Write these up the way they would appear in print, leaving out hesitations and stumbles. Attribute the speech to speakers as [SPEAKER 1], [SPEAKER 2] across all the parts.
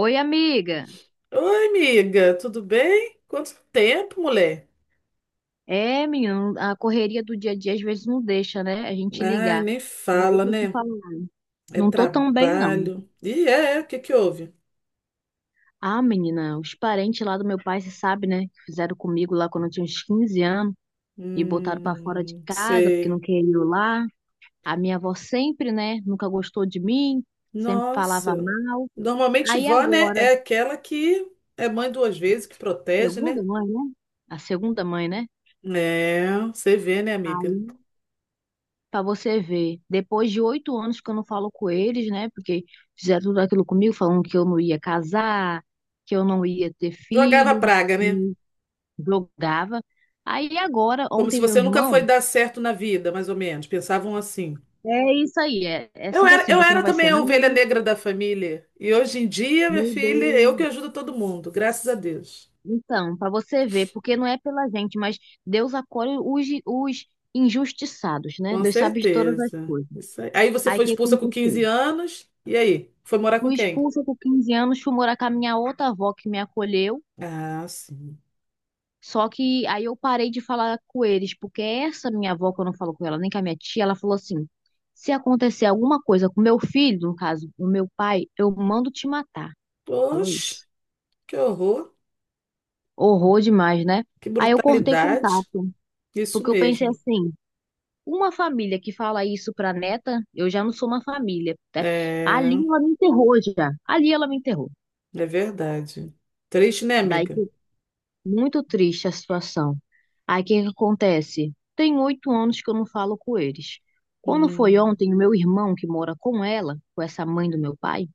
[SPEAKER 1] Oi, amiga.
[SPEAKER 2] Oi, amiga, tudo bem? Quanto tempo, mulher?
[SPEAKER 1] É, menina, a correria do dia a dia às vezes não deixa, né? A gente
[SPEAKER 2] Ai,
[SPEAKER 1] ligar.
[SPEAKER 2] nem
[SPEAKER 1] Mas
[SPEAKER 2] fala,
[SPEAKER 1] deixa eu te
[SPEAKER 2] né?
[SPEAKER 1] falar,
[SPEAKER 2] É
[SPEAKER 1] não tô tão bem, não.
[SPEAKER 2] trabalho. E é, o que que houve?
[SPEAKER 1] Ah, menina, os parentes lá do meu pai, você sabe, né? Que fizeram comigo lá quando eu tinha uns 15 anos e botaram pra fora de casa porque não
[SPEAKER 2] Sei.
[SPEAKER 1] queria ir lá. A minha avó sempre, né? Nunca gostou de mim, sempre falava
[SPEAKER 2] Nossa.
[SPEAKER 1] mal.
[SPEAKER 2] Normalmente
[SPEAKER 1] Aí
[SPEAKER 2] vó, né,
[SPEAKER 1] agora,
[SPEAKER 2] é aquela que é mãe duas vezes, que protege, né?
[SPEAKER 1] segunda mãe, né? A segunda mãe, né?
[SPEAKER 2] É, você vê, né, amiga?
[SPEAKER 1] Aí pra você ver, depois de 8 anos que eu não falo com eles, né? Porque fizeram tudo aquilo comigo, falando que eu não ia casar, que eu não ia ter
[SPEAKER 2] Jogava
[SPEAKER 1] filho,
[SPEAKER 2] praga, né?
[SPEAKER 1] me jogava. Aí agora,
[SPEAKER 2] Como se
[SPEAKER 1] ontem, meu
[SPEAKER 2] você nunca foi
[SPEAKER 1] irmão,
[SPEAKER 2] dar certo na vida, mais ou menos. Pensavam assim.
[SPEAKER 1] é isso aí, é
[SPEAKER 2] Eu
[SPEAKER 1] sempre
[SPEAKER 2] era,
[SPEAKER 1] assim,
[SPEAKER 2] eu
[SPEAKER 1] você não
[SPEAKER 2] era
[SPEAKER 1] vai ser
[SPEAKER 2] também a ovelha
[SPEAKER 1] nada.
[SPEAKER 2] negra da família. E hoje em dia, minha
[SPEAKER 1] Meu
[SPEAKER 2] filha, eu que
[SPEAKER 1] Deus.
[SPEAKER 2] ajudo todo mundo, graças a Deus.
[SPEAKER 1] Então, pra você ver, porque não é pela gente, mas Deus acolhe os injustiçados, né?
[SPEAKER 2] Com
[SPEAKER 1] Deus sabe de todas as
[SPEAKER 2] certeza.
[SPEAKER 1] coisas.
[SPEAKER 2] Isso aí. Aí você
[SPEAKER 1] Aí o
[SPEAKER 2] foi
[SPEAKER 1] que
[SPEAKER 2] expulsa com
[SPEAKER 1] aconteceu?
[SPEAKER 2] 15 anos, e aí? Foi morar com
[SPEAKER 1] Fui
[SPEAKER 2] quem?
[SPEAKER 1] expulsa com 15 anos, fui morar com a minha outra avó que me acolheu.
[SPEAKER 2] Ah, sim.
[SPEAKER 1] Só que aí eu parei de falar com eles, porque essa minha avó, quando eu falo com ela, nem com a minha tia, ela falou assim: se acontecer alguma coisa com meu filho, no caso, o meu pai, eu mando te matar. Falou
[SPEAKER 2] Poxa,
[SPEAKER 1] isso.
[SPEAKER 2] que horror,
[SPEAKER 1] Horror demais, né?
[SPEAKER 2] que
[SPEAKER 1] Aí eu cortei
[SPEAKER 2] brutalidade.
[SPEAKER 1] contato,
[SPEAKER 2] Isso
[SPEAKER 1] porque eu pensei
[SPEAKER 2] mesmo.
[SPEAKER 1] assim: uma família que fala isso pra neta, eu já não sou uma família, né? Ali
[SPEAKER 2] É,
[SPEAKER 1] ela me enterrou já. Ali ela me enterrou.
[SPEAKER 2] é verdade. Triste, né,
[SPEAKER 1] Daí
[SPEAKER 2] amiga?
[SPEAKER 1] muito triste a situação. Aí o que que acontece? Tem 8 anos que eu não falo com eles. Quando foi
[SPEAKER 2] Hum,
[SPEAKER 1] ontem, o meu irmão, que mora com ela, com essa mãe do meu pai,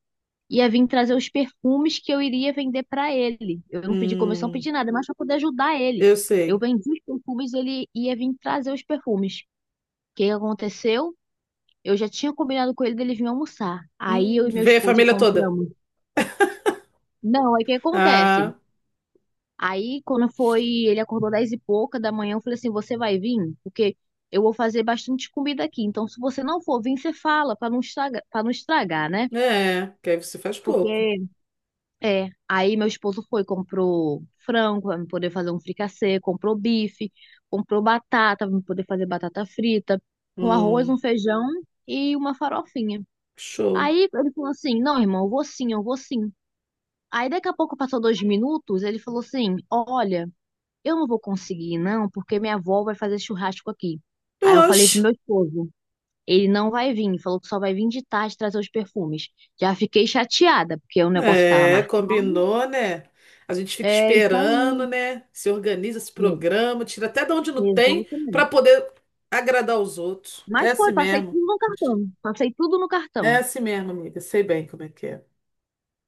[SPEAKER 1] ia vir trazer os perfumes que eu iria vender para ele. Eu não pedi comissão, não
[SPEAKER 2] hum,
[SPEAKER 1] pedi nada, mas para poder ajudar ele.
[SPEAKER 2] eu
[SPEAKER 1] Eu
[SPEAKER 2] sei.
[SPEAKER 1] vendi os perfumes, ele ia vir trazer os perfumes. O que que aconteceu? Eu já tinha combinado com ele dele vir almoçar. Aí eu e meu
[SPEAKER 2] Vê a
[SPEAKER 1] esposo
[SPEAKER 2] família toda.
[SPEAKER 1] compramos. Não, aí o que acontece?
[SPEAKER 2] Ah,
[SPEAKER 1] Aí, quando foi, ele acordou 10 e pouca da manhã, eu falei assim, você vai vir? Porque eu vou fazer bastante comida aqui. Então, se você não for vir, você fala, para não estragar, né?
[SPEAKER 2] é, que aí você faz pouco.
[SPEAKER 1] Porque, aí meu esposo foi, comprou frango para poder fazer um fricassê, comprou bife, comprou batata para poder fazer batata frita, um arroz,
[SPEAKER 2] Hum.
[SPEAKER 1] um feijão e uma farofinha.
[SPEAKER 2] Show.
[SPEAKER 1] Aí ele falou assim, não, irmão, eu vou sim, eu vou sim. Aí daqui a pouco passou 2 minutos, ele falou assim, olha, eu não vou conseguir, não, porque minha avó vai fazer churrasco aqui. Aí eu falei
[SPEAKER 2] Oxe,
[SPEAKER 1] pro meu esposo, ele não vai vir, falou que só vai vir de tarde trazer os perfumes. Já fiquei chateada, porque o negócio tava
[SPEAKER 2] é,
[SPEAKER 1] marcado.
[SPEAKER 2] combinou, né? A gente fica
[SPEAKER 1] É isso
[SPEAKER 2] esperando,
[SPEAKER 1] aí.
[SPEAKER 2] né? Se organiza, se
[SPEAKER 1] É,
[SPEAKER 2] programa, tira até de onde não tem para
[SPEAKER 1] exatamente.
[SPEAKER 2] poder agradar os outros. É
[SPEAKER 1] Mas
[SPEAKER 2] assim
[SPEAKER 1] foi, passei
[SPEAKER 2] mesmo.
[SPEAKER 1] tudo no cartão. Passei tudo no
[SPEAKER 2] É
[SPEAKER 1] cartão.
[SPEAKER 2] assim mesmo, amiga. Sei bem como é que é.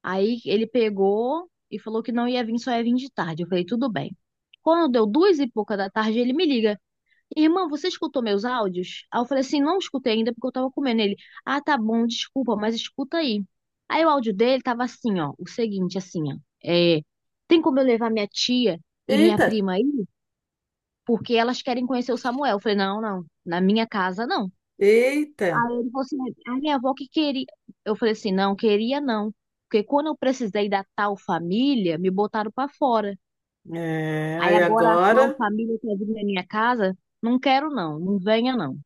[SPEAKER 1] Aí ele pegou e falou que não ia vir, só ia vir de tarde. Eu falei, tudo bem. Quando deu 2 e pouca da tarde, ele me liga. Irmã, você escutou meus áudios? Aí eu falei assim, não escutei ainda porque eu tava comendo ele. Ah, tá bom, desculpa, mas escuta aí. Aí o áudio dele tava assim, ó, o seguinte, assim, ó, é, tem como eu levar minha tia e minha
[SPEAKER 2] Eita,
[SPEAKER 1] prima aí? Porque elas querem conhecer o Samuel. Eu falei, não, não, na minha casa não.
[SPEAKER 2] eita.
[SPEAKER 1] Aí ele falou assim, a minha avó que queria. Eu falei assim, não, queria não. Porque quando eu precisei da tal família, me botaram pra fora.
[SPEAKER 2] É,
[SPEAKER 1] Aí
[SPEAKER 2] aí
[SPEAKER 1] agora a tal
[SPEAKER 2] agora,
[SPEAKER 1] família quer vir na minha casa, não quero não, não venha não.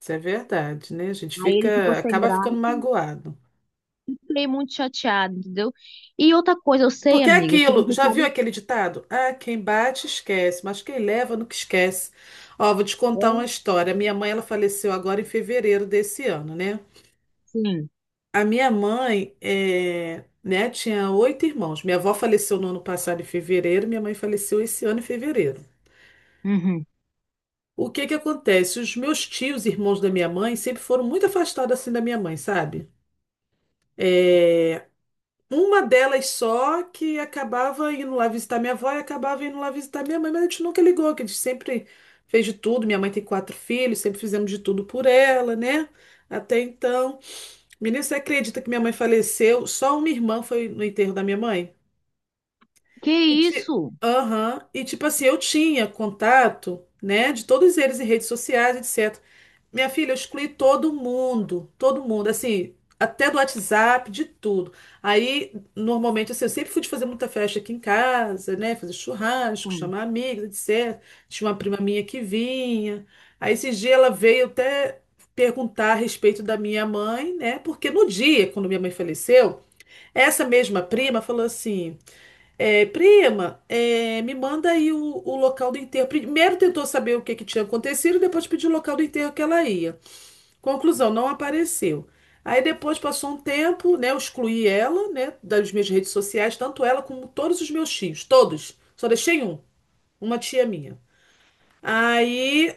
[SPEAKER 2] isso é verdade, né? A gente
[SPEAKER 1] Aí ele ficou
[SPEAKER 2] fica,
[SPEAKER 1] sem
[SPEAKER 2] acaba ficando
[SPEAKER 1] graça.
[SPEAKER 2] magoado.
[SPEAKER 1] Fiquei muito chateado, entendeu? E outra coisa, eu sei,
[SPEAKER 2] Porque é
[SPEAKER 1] amiga, que
[SPEAKER 2] aquilo,
[SPEAKER 1] você
[SPEAKER 2] já viu
[SPEAKER 1] sabe.
[SPEAKER 2] aquele ditado? Ah, quem bate esquece, mas quem leva nunca esquece. Ó, vou te
[SPEAKER 1] É,
[SPEAKER 2] contar uma história. Minha mãe, ela faleceu agora em fevereiro desse ano, né?
[SPEAKER 1] sim.
[SPEAKER 2] A minha mãe, é, né, tinha oito irmãos. Minha avó faleceu no ano passado em fevereiro, minha mãe faleceu esse ano em fevereiro.
[SPEAKER 1] Uhum.
[SPEAKER 2] O que que acontece? Os meus tios, irmãos da minha mãe, sempre foram muito afastados assim da minha mãe, sabe? Eh, Uma delas só que acabava indo lá visitar minha avó e acabava indo lá visitar minha mãe, mas a gente nunca ligou, que a gente sempre fez de tudo. Minha mãe tem quatro filhos, sempre fizemos de tudo por ela, né? Até então. Menino, você acredita que minha mãe faleceu? Só uma irmã foi no enterro da minha mãe?
[SPEAKER 1] Que
[SPEAKER 2] E, ti-
[SPEAKER 1] isso?
[SPEAKER 2] Aham. E tipo assim, eu tinha contato, né, de todos eles em redes sociais, etc. Minha filha, eu excluí todo mundo, assim, até do WhatsApp, de tudo. Aí, normalmente, assim, eu sempre fui de fazer muita festa aqui em casa, né? Fazer churrasco,
[SPEAKER 1] Sim.
[SPEAKER 2] chamar amigos, etc. Tinha uma prima minha que vinha. Aí, esse dia, ela veio até perguntar a respeito da minha mãe, né? Porque no dia, quando minha mãe faleceu, essa mesma prima falou assim: é, prima, é, me manda aí o local do enterro. Primeiro tentou saber o que que tinha acontecido, depois pediu o local do enterro que ela ia. Conclusão, não apareceu. Aí depois passou um tempo, né? Eu excluí ela, né, das minhas redes sociais, tanto ela como todos os meus tios, todos. Só deixei um, uma tia minha. Aí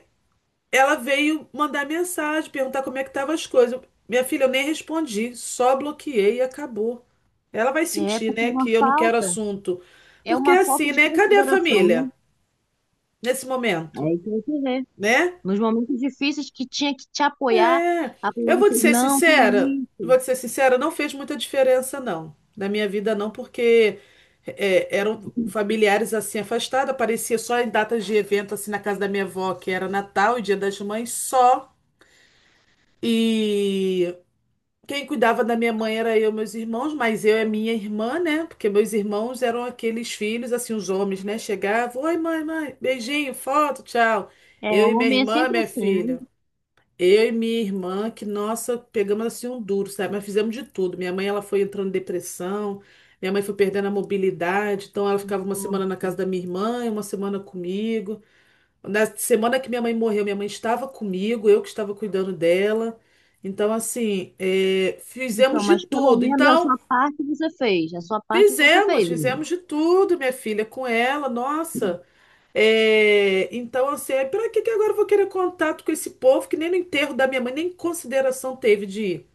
[SPEAKER 2] ela veio mandar mensagem, perguntar como é que estavam as coisas. Minha filha, eu nem respondi, só bloqueei e acabou. Ela vai
[SPEAKER 1] É
[SPEAKER 2] sentir,
[SPEAKER 1] porque
[SPEAKER 2] né, que eu não quero assunto.
[SPEAKER 1] é
[SPEAKER 2] Porque é
[SPEAKER 1] uma falta
[SPEAKER 2] assim,
[SPEAKER 1] de
[SPEAKER 2] né? Cadê a
[SPEAKER 1] consideração, né?
[SPEAKER 2] família nesse
[SPEAKER 1] É
[SPEAKER 2] momento,
[SPEAKER 1] aí que você vê.
[SPEAKER 2] né?
[SPEAKER 1] Nos momentos difíceis que tinha que te apoiar,
[SPEAKER 2] É,
[SPEAKER 1] a pessoa
[SPEAKER 2] eu vou
[SPEAKER 1] disse,
[SPEAKER 2] te ser
[SPEAKER 1] não, que
[SPEAKER 2] sincera,
[SPEAKER 1] isso.
[SPEAKER 2] vou te ser sincera, não fez muita diferença, não. Na minha vida, não, porque é, eram familiares assim afastados, aparecia só em datas de evento, assim, na casa da minha avó, que era Natal e Dia das Mães só. E quem cuidava da minha mãe era eu, e meus irmãos, mas eu e minha irmã, né? Porque meus irmãos eram aqueles filhos, assim, os homens, né? Chegavam, oi, mãe, mãe, beijinho, foto, tchau.
[SPEAKER 1] É,
[SPEAKER 2] Eu e minha
[SPEAKER 1] homem é
[SPEAKER 2] irmã,
[SPEAKER 1] sempre
[SPEAKER 2] minha
[SPEAKER 1] assim, né?
[SPEAKER 2] filha. Eu e minha irmã, que nossa, pegamos assim um duro, sabe? Mas fizemos de tudo. Minha mãe, ela foi entrando em depressão, minha mãe foi perdendo a mobilidade, então ela ficava uma semana na
[SPEAKER 1] Nossa.
[SPEAKER 2] casa da minha irmã e uma semana comigo. Na semana que minha mãe morreu, minha mãe estava comigo, eu que estava cuidando dela. Então, assim, é,
[SPEAKER 1] Então,
[SPEAKER 2] fizemos de
[SPEAKER 1] mas pelo
[SPEAKER 2] tudo.
[SPEAKER 1] menos a
[SPEAKER 2] Então,
[SPEAKER 1] sua parte você fez. A sua parte você
[SPEAKER 2] fizemos,
[SPEAKER 1] fez, amiga.
[SPEAKER 2] fizemos de tudo, minha filha, com ela, nossa. É, então, assim, é, pra que que agora eu vou querer contato com esse povo que nem no enterro da minha mãe, nem consideração teve de ir?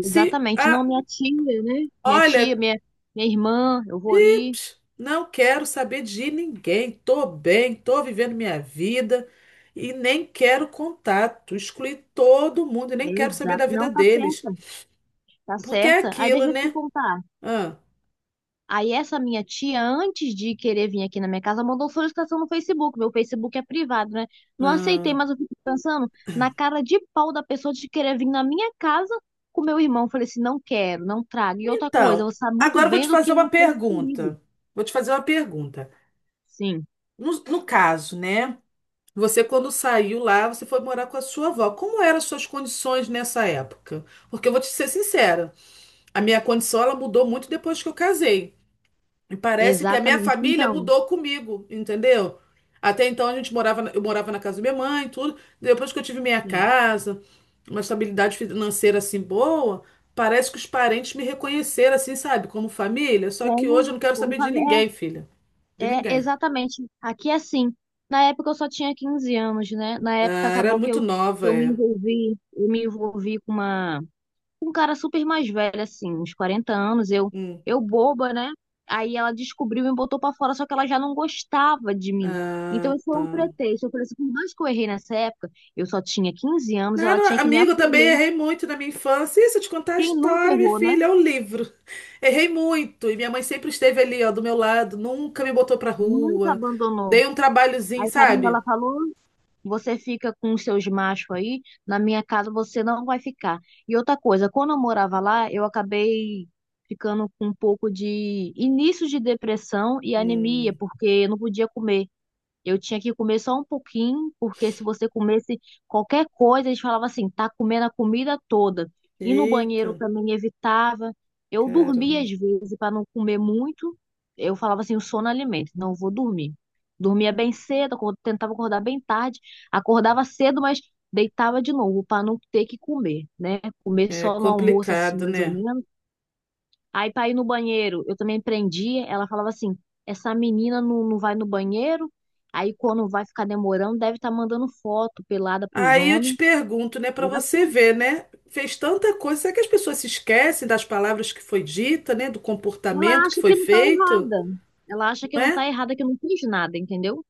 [SPEAKER 2] Se,
[SPEAKER 1] não
[SPEAKER 2] ah,
[SPEAKER 1] minha tia, né? Minha tia,
[SPEAKER 2] olha,
[SPEAKER 1] minha irmã, eu vou ir.
[SPEAKER 2] pips, não quero saber de ninguém, tô bem, tô vivendo minha vida e nem quero contato, excluí todo mundo e nem quero saber
[SPEAKER 1] Exato.
[SPEAKER 2] da vida
[SPEAKER 1] Não, tá
[SPEAKER 2] deles,
[SPEAKER 1] certa, tá
[SPEAKER 2] porque é
[SPEAKER 1] certa. Aí
[SPEAKER 2] aquilo,
[SPEAKER 1] deixa eu te
[SPEAKER 2] né?
[SPEAKER 1] contar.
[SPEAKER 2] Ah,
[SPEAKER 1] Aí essa minha tia, antes de querer vir aqui na minha casa, mandou solicitação no Facebook. Meu Facebook é privado, né? Não aceitei,
[SPEAKER 2] ah.
[SPEAKER 1] mas eu fico pensando na cara de pau da pessoa de querer vir na minha casa com meu irmão. Eu falei assim, não quero, não trago. E outra coisa,
[SPEAKER 2] Então,
[SPEAKER 1] você sabe muito
[SPEAKER 2] agora eu vou
[SPEAKER 1] bem
[SPEAKER 2] te
[SPEAKER 1] do
[SPEAKER 2] fazer
[SPEAKER 1] que
[SPEAKER 2] uma
[SPEAKER 1] ela fez comigo.
[SPEAKER 2] pergunta, vou te fazer uma pergunta.
[SPEAKER 1] Sim,
[SPEAKER 2] No caso, né? Você, quando saiu lá, você foi morar com a sua avó. Como eram as suas condições nessa época? Porque eu vou te ser sincera, a minha condição ela mudou muito depois que eu casei. E parece que a minha
[SPEAKER 1] exatamente.
[SPEAKER 2] família
[SPEAKER 1] Então,
[SPEAKER 2] mudou comigo, entendeu? Até então a gente morava, eu morava na casa da minha mãe, e tudo. Depois que eu tive minha
[SPEAKER 1] sim.
[SPEAKER 2] casa, uma estabilidade financeira assim boa, parece que os parentes me reconheceram assim, sabe, como família. Só que
[SPEAKER 1] Como,
[SPEAKER 2] hoje eu não quero
[SPEAKER 1] como eu
[SPEAKER 2] saber de
[SPEAKER 1] falei,
[SPEAKER 2] ninguém, filha, de
[SPEAKER 1] é,
[SPEAKER 2] ninguém.
[SPEAKER 1] exatamente. Aqui é assim. Na época eu só tinha 15 anos, né? Na época
[SPEAKER 2] Ah, era
[SPEAKER 1] acabou que
[SPEAKER 2] muito
[SPEAKER 1] eu,
[SPEAKER 2] nova, é.
[SPEAKER 1] eu me envolvi com um cara super mais velho, assim, uns 40 anos. Eu,
[SPEAKER 2] Hum.
[SPEAKER 1] eu boba, né? Aí ela descobriu e me botou pra fora, só que ela já não gostava de mim. Então
[SPEAKER 2] Ah,
[SPEAKER 1] isso foi
[SPEAKER 2] tá.
[SPEAKER 1] um pretexto. Eu falei assim, por mais que eu errei nessa época, eu só tinha 15 anos,
[SPEAKER 2] Não,
[SPEAKER 1] ela
[SPEAKER 2] não,
[SPEAKER 1] tinha que me
[SPEAKER 2] amigo, eu também
[SPEAKER 1] acolher.
[SPEAKER 2] errei muito na minha infância. Isso, eu te contar a
[SPEAKER 1] Quem nunca
[SPEAKER 2] história, minha
[SPEAKER 1] errou, né?
[SPEAKER 2] filha, é o livro. Errei muito. E minha mãe sempre esteve ali, ó, do meu lado, nunca me botou pra
[SPEAKER 1] Nunca
[SPEAKER 2] rua.
[SPEAKER 1] abandonou.
[SPEAKER 2] Dei um trabalhozinho,
[SPEAKER 1] Aí sabe o que ela
[SPEAKER 2] sabe?
[SPEAKER 1] falou? Você fica com os seus machos aí, na minha casa você não vai ficar. E outra coisa, quando eu morava lá, eu acabei ficando com um pouco de início de depressão e anemia,
[SPEAKER 2] Hum,
[SPEAKER 1] porque eu não podia comer. Eu tinha que comer só um pouquinho, porque se você comesse qualquer coisa, eles falavam assim, tá comendo a comida toda. E no banheiro
[SPEAKER 2] eita,
[SPEAKER 1] também evitava. Eu dormia
[SPEAKER 2] caramba.
[SPEAKER 1] às vezes para não comer muito. Eu falava assim, o sono alimenta, não vou dormir. Dormia bem cedo, tentava acordar bem tarde, acordava cedo, mas deitava de novo para não ter que comer, né? Comer
[SPEAKER 2] É
[SPEAKER 1] só no almoço assim,
[SPEAKER 2] complicado,
[SPEAKER 1] mais ou
[SPEAKER 2] né?
[SPEAKER 1] menos. Aí pra ir no banheiro, eu também prendia. Ela falava assim: essa menina não, não vai no banheiro, aí quando vai ficar demorando, deve estar mandando foto pelada pros
[SPEAKER 2] Aí eu te
[SPEAKER 1] homens.
[SPEAKER 2] pergunto, né, pra
[SPEAKER 1] Era
[SPEAKER 2] você
[SPEAKER 1] assim.
[SPEAKER 2] ver, né? Fez tanta coisa, será que as pessoas se esquecem das palavras que foi dita, né, do
[SPEAKER 1] Ela
[SPEAKER 2] comportamento que
[SPEAKER 1] acha
[SPEAKER 2] foi
[SPEAKER 1] que não tá
[SPEAKER 2] feito?
[SPEAKER 1] errada. Ela acha que não tá errada, que não fez nada, entendeu?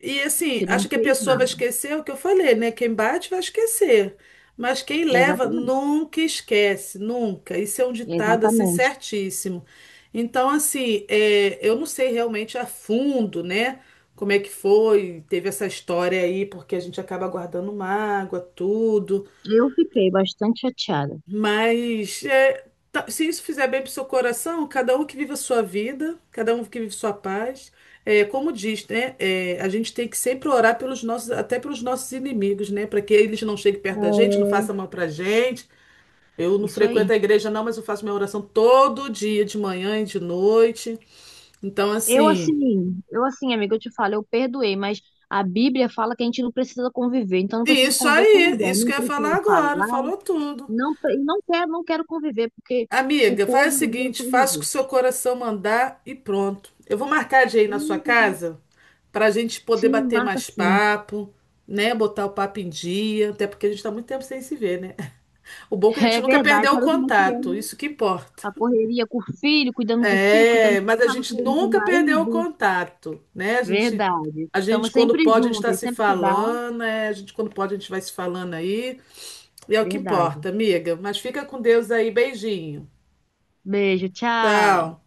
[SPEAKER 2] E assim,
[SPEAKER 1] Que não
[SPEAKER 2] acho que a
[SPEAKER 1] fez
[SPEAKER 2] pessoa vai
[SPEAKER 1] nada.
[SPEAKER 2] esquecer o que eu falei, né? Quem bate vai esquecer. Mas quem leva
[SPEAKER 1] Exatamente.
[SPEAKER 2] nunca esquece, nunca. Isso é um ditado assim
[SPEAKER 1] Exatamente.
[SPEAKER 2] certíssimo. Então, assim, é, eu não sei realmente a fundo, né? Como é que foi, teve essa história aí, porque a gente acaba guardando mágoa, tudo.
[SPEAKER 1] Eu fiquei bastante chateada.
[SPEAKER 2] Mas é, se isso fizer bem para o seu coração, cada um que vive a sua vida, cada um que vive sua paz. É, como diz, né? É, a gente tem que sempre orar pelos nossos, até pelos nossos inimigos, né? Para que eles não cheguem perto da gente, não
[SPEAKER 1] É,
[SPEAKER 2] façam mal para gente. Eu não
[SPEAKER 1] isso aí.
[SPEAKER 2] frequento a igreja, não, mas eu faço minha oração todo dia, de manhã e de noite. Então, assim,
[SPEAKER 1] Eu assim, amiga, eu te falo, eu perdoei, mas a Bíblia fala que a gente não precisa conviver, então eu não preciso
[SPEAKER 2] isso
[SPEAKER 1] conviver com
[SPEAKER 2] aí,
[SPEAKER 1] ninguém,
[SPEAKER 2] isso que
[SPEAKER 1] nem
[SPEAKER 2] eu ia falar
[SPEAKER 1] preciso
[SPEAKER 2] agora,
[SPEAKER 1] falar,
[SPEAKER 2] falou tudo.
[SPEAKER 1] não, não quero, não quero conviver, porque o
[SPEAKER 2] Amiga, faz
[SPEAKER 1] povo
[SPEAKER 2] o
[SPEAKER 1] ali é
[SPEAKER 2] seguinte,
[SPEAKER 1] só
[SPEAKER 2] faça o que o
[SPEAKER 1] Jesus.
[SPEAKER 2] seu coração mandar e pronto. Eu vou marcar de ir na sua
[SPEAKER 1] Verdade.
[SPEAKER 2] casa para a gente poder
[SPEAKER 1] Sim,
[SPEAKER 2] bater
[SPEAKER 1] marca
[SPEAKER 2] mais
[SPEAKER 1] sim.
[SPEAKER 2] papo, né? Botar o papo em dia, até porque a gente está muito tempo sem se ver, né? O bom é que a gente
[SPEAKER 1] É
[SPEAKER 2] nunca
[SPEAKER 1] verdade,
[SPEAKER 2] perdeu o
[SPEAKER 1] sabe como é que é,
[SPEAKER 2] contato,
[SPEAKER 1] né?
[SPEAKER 2] isso que importa.
[SPEAKER 1] A correria com o filho, cuidando
[SPEAKER 2] É,
[SPEAKER 1] de
[SPEAKER 2] mas a
[SPEAKER 1] casa,
[SPEAKER 2] gente
[SPEAKER 1] cuidando de
[SPEAKER 2] nunca perdeu o
[SPEAKER 1] marido.
[SPEAKER 2] contato, né?
[SPEAKER 1] Verdade.
[SPEAKER 2] A gente
[SPEAKER 1] Estamos
[SPEAKER 2] quando
[SPEAKER 1] sempre
[SPEAKER 2] pode, a gente está
[SPEAKER 1] juntas,
[SPEAKER 2] se
[SPEAKER 1] sempre que dá.
[SPEAKER 2] falando, né? A gente quando pode, a gente vai se falando aí. E é o que
[SPEAKER 1] Verdade.
[SPEAKER 2] importa, amiga. Mas fica com Deus aí, beijinho.
[SPEAKER 1] Beijo, tchau.
[SPEAKER 2] Tchau.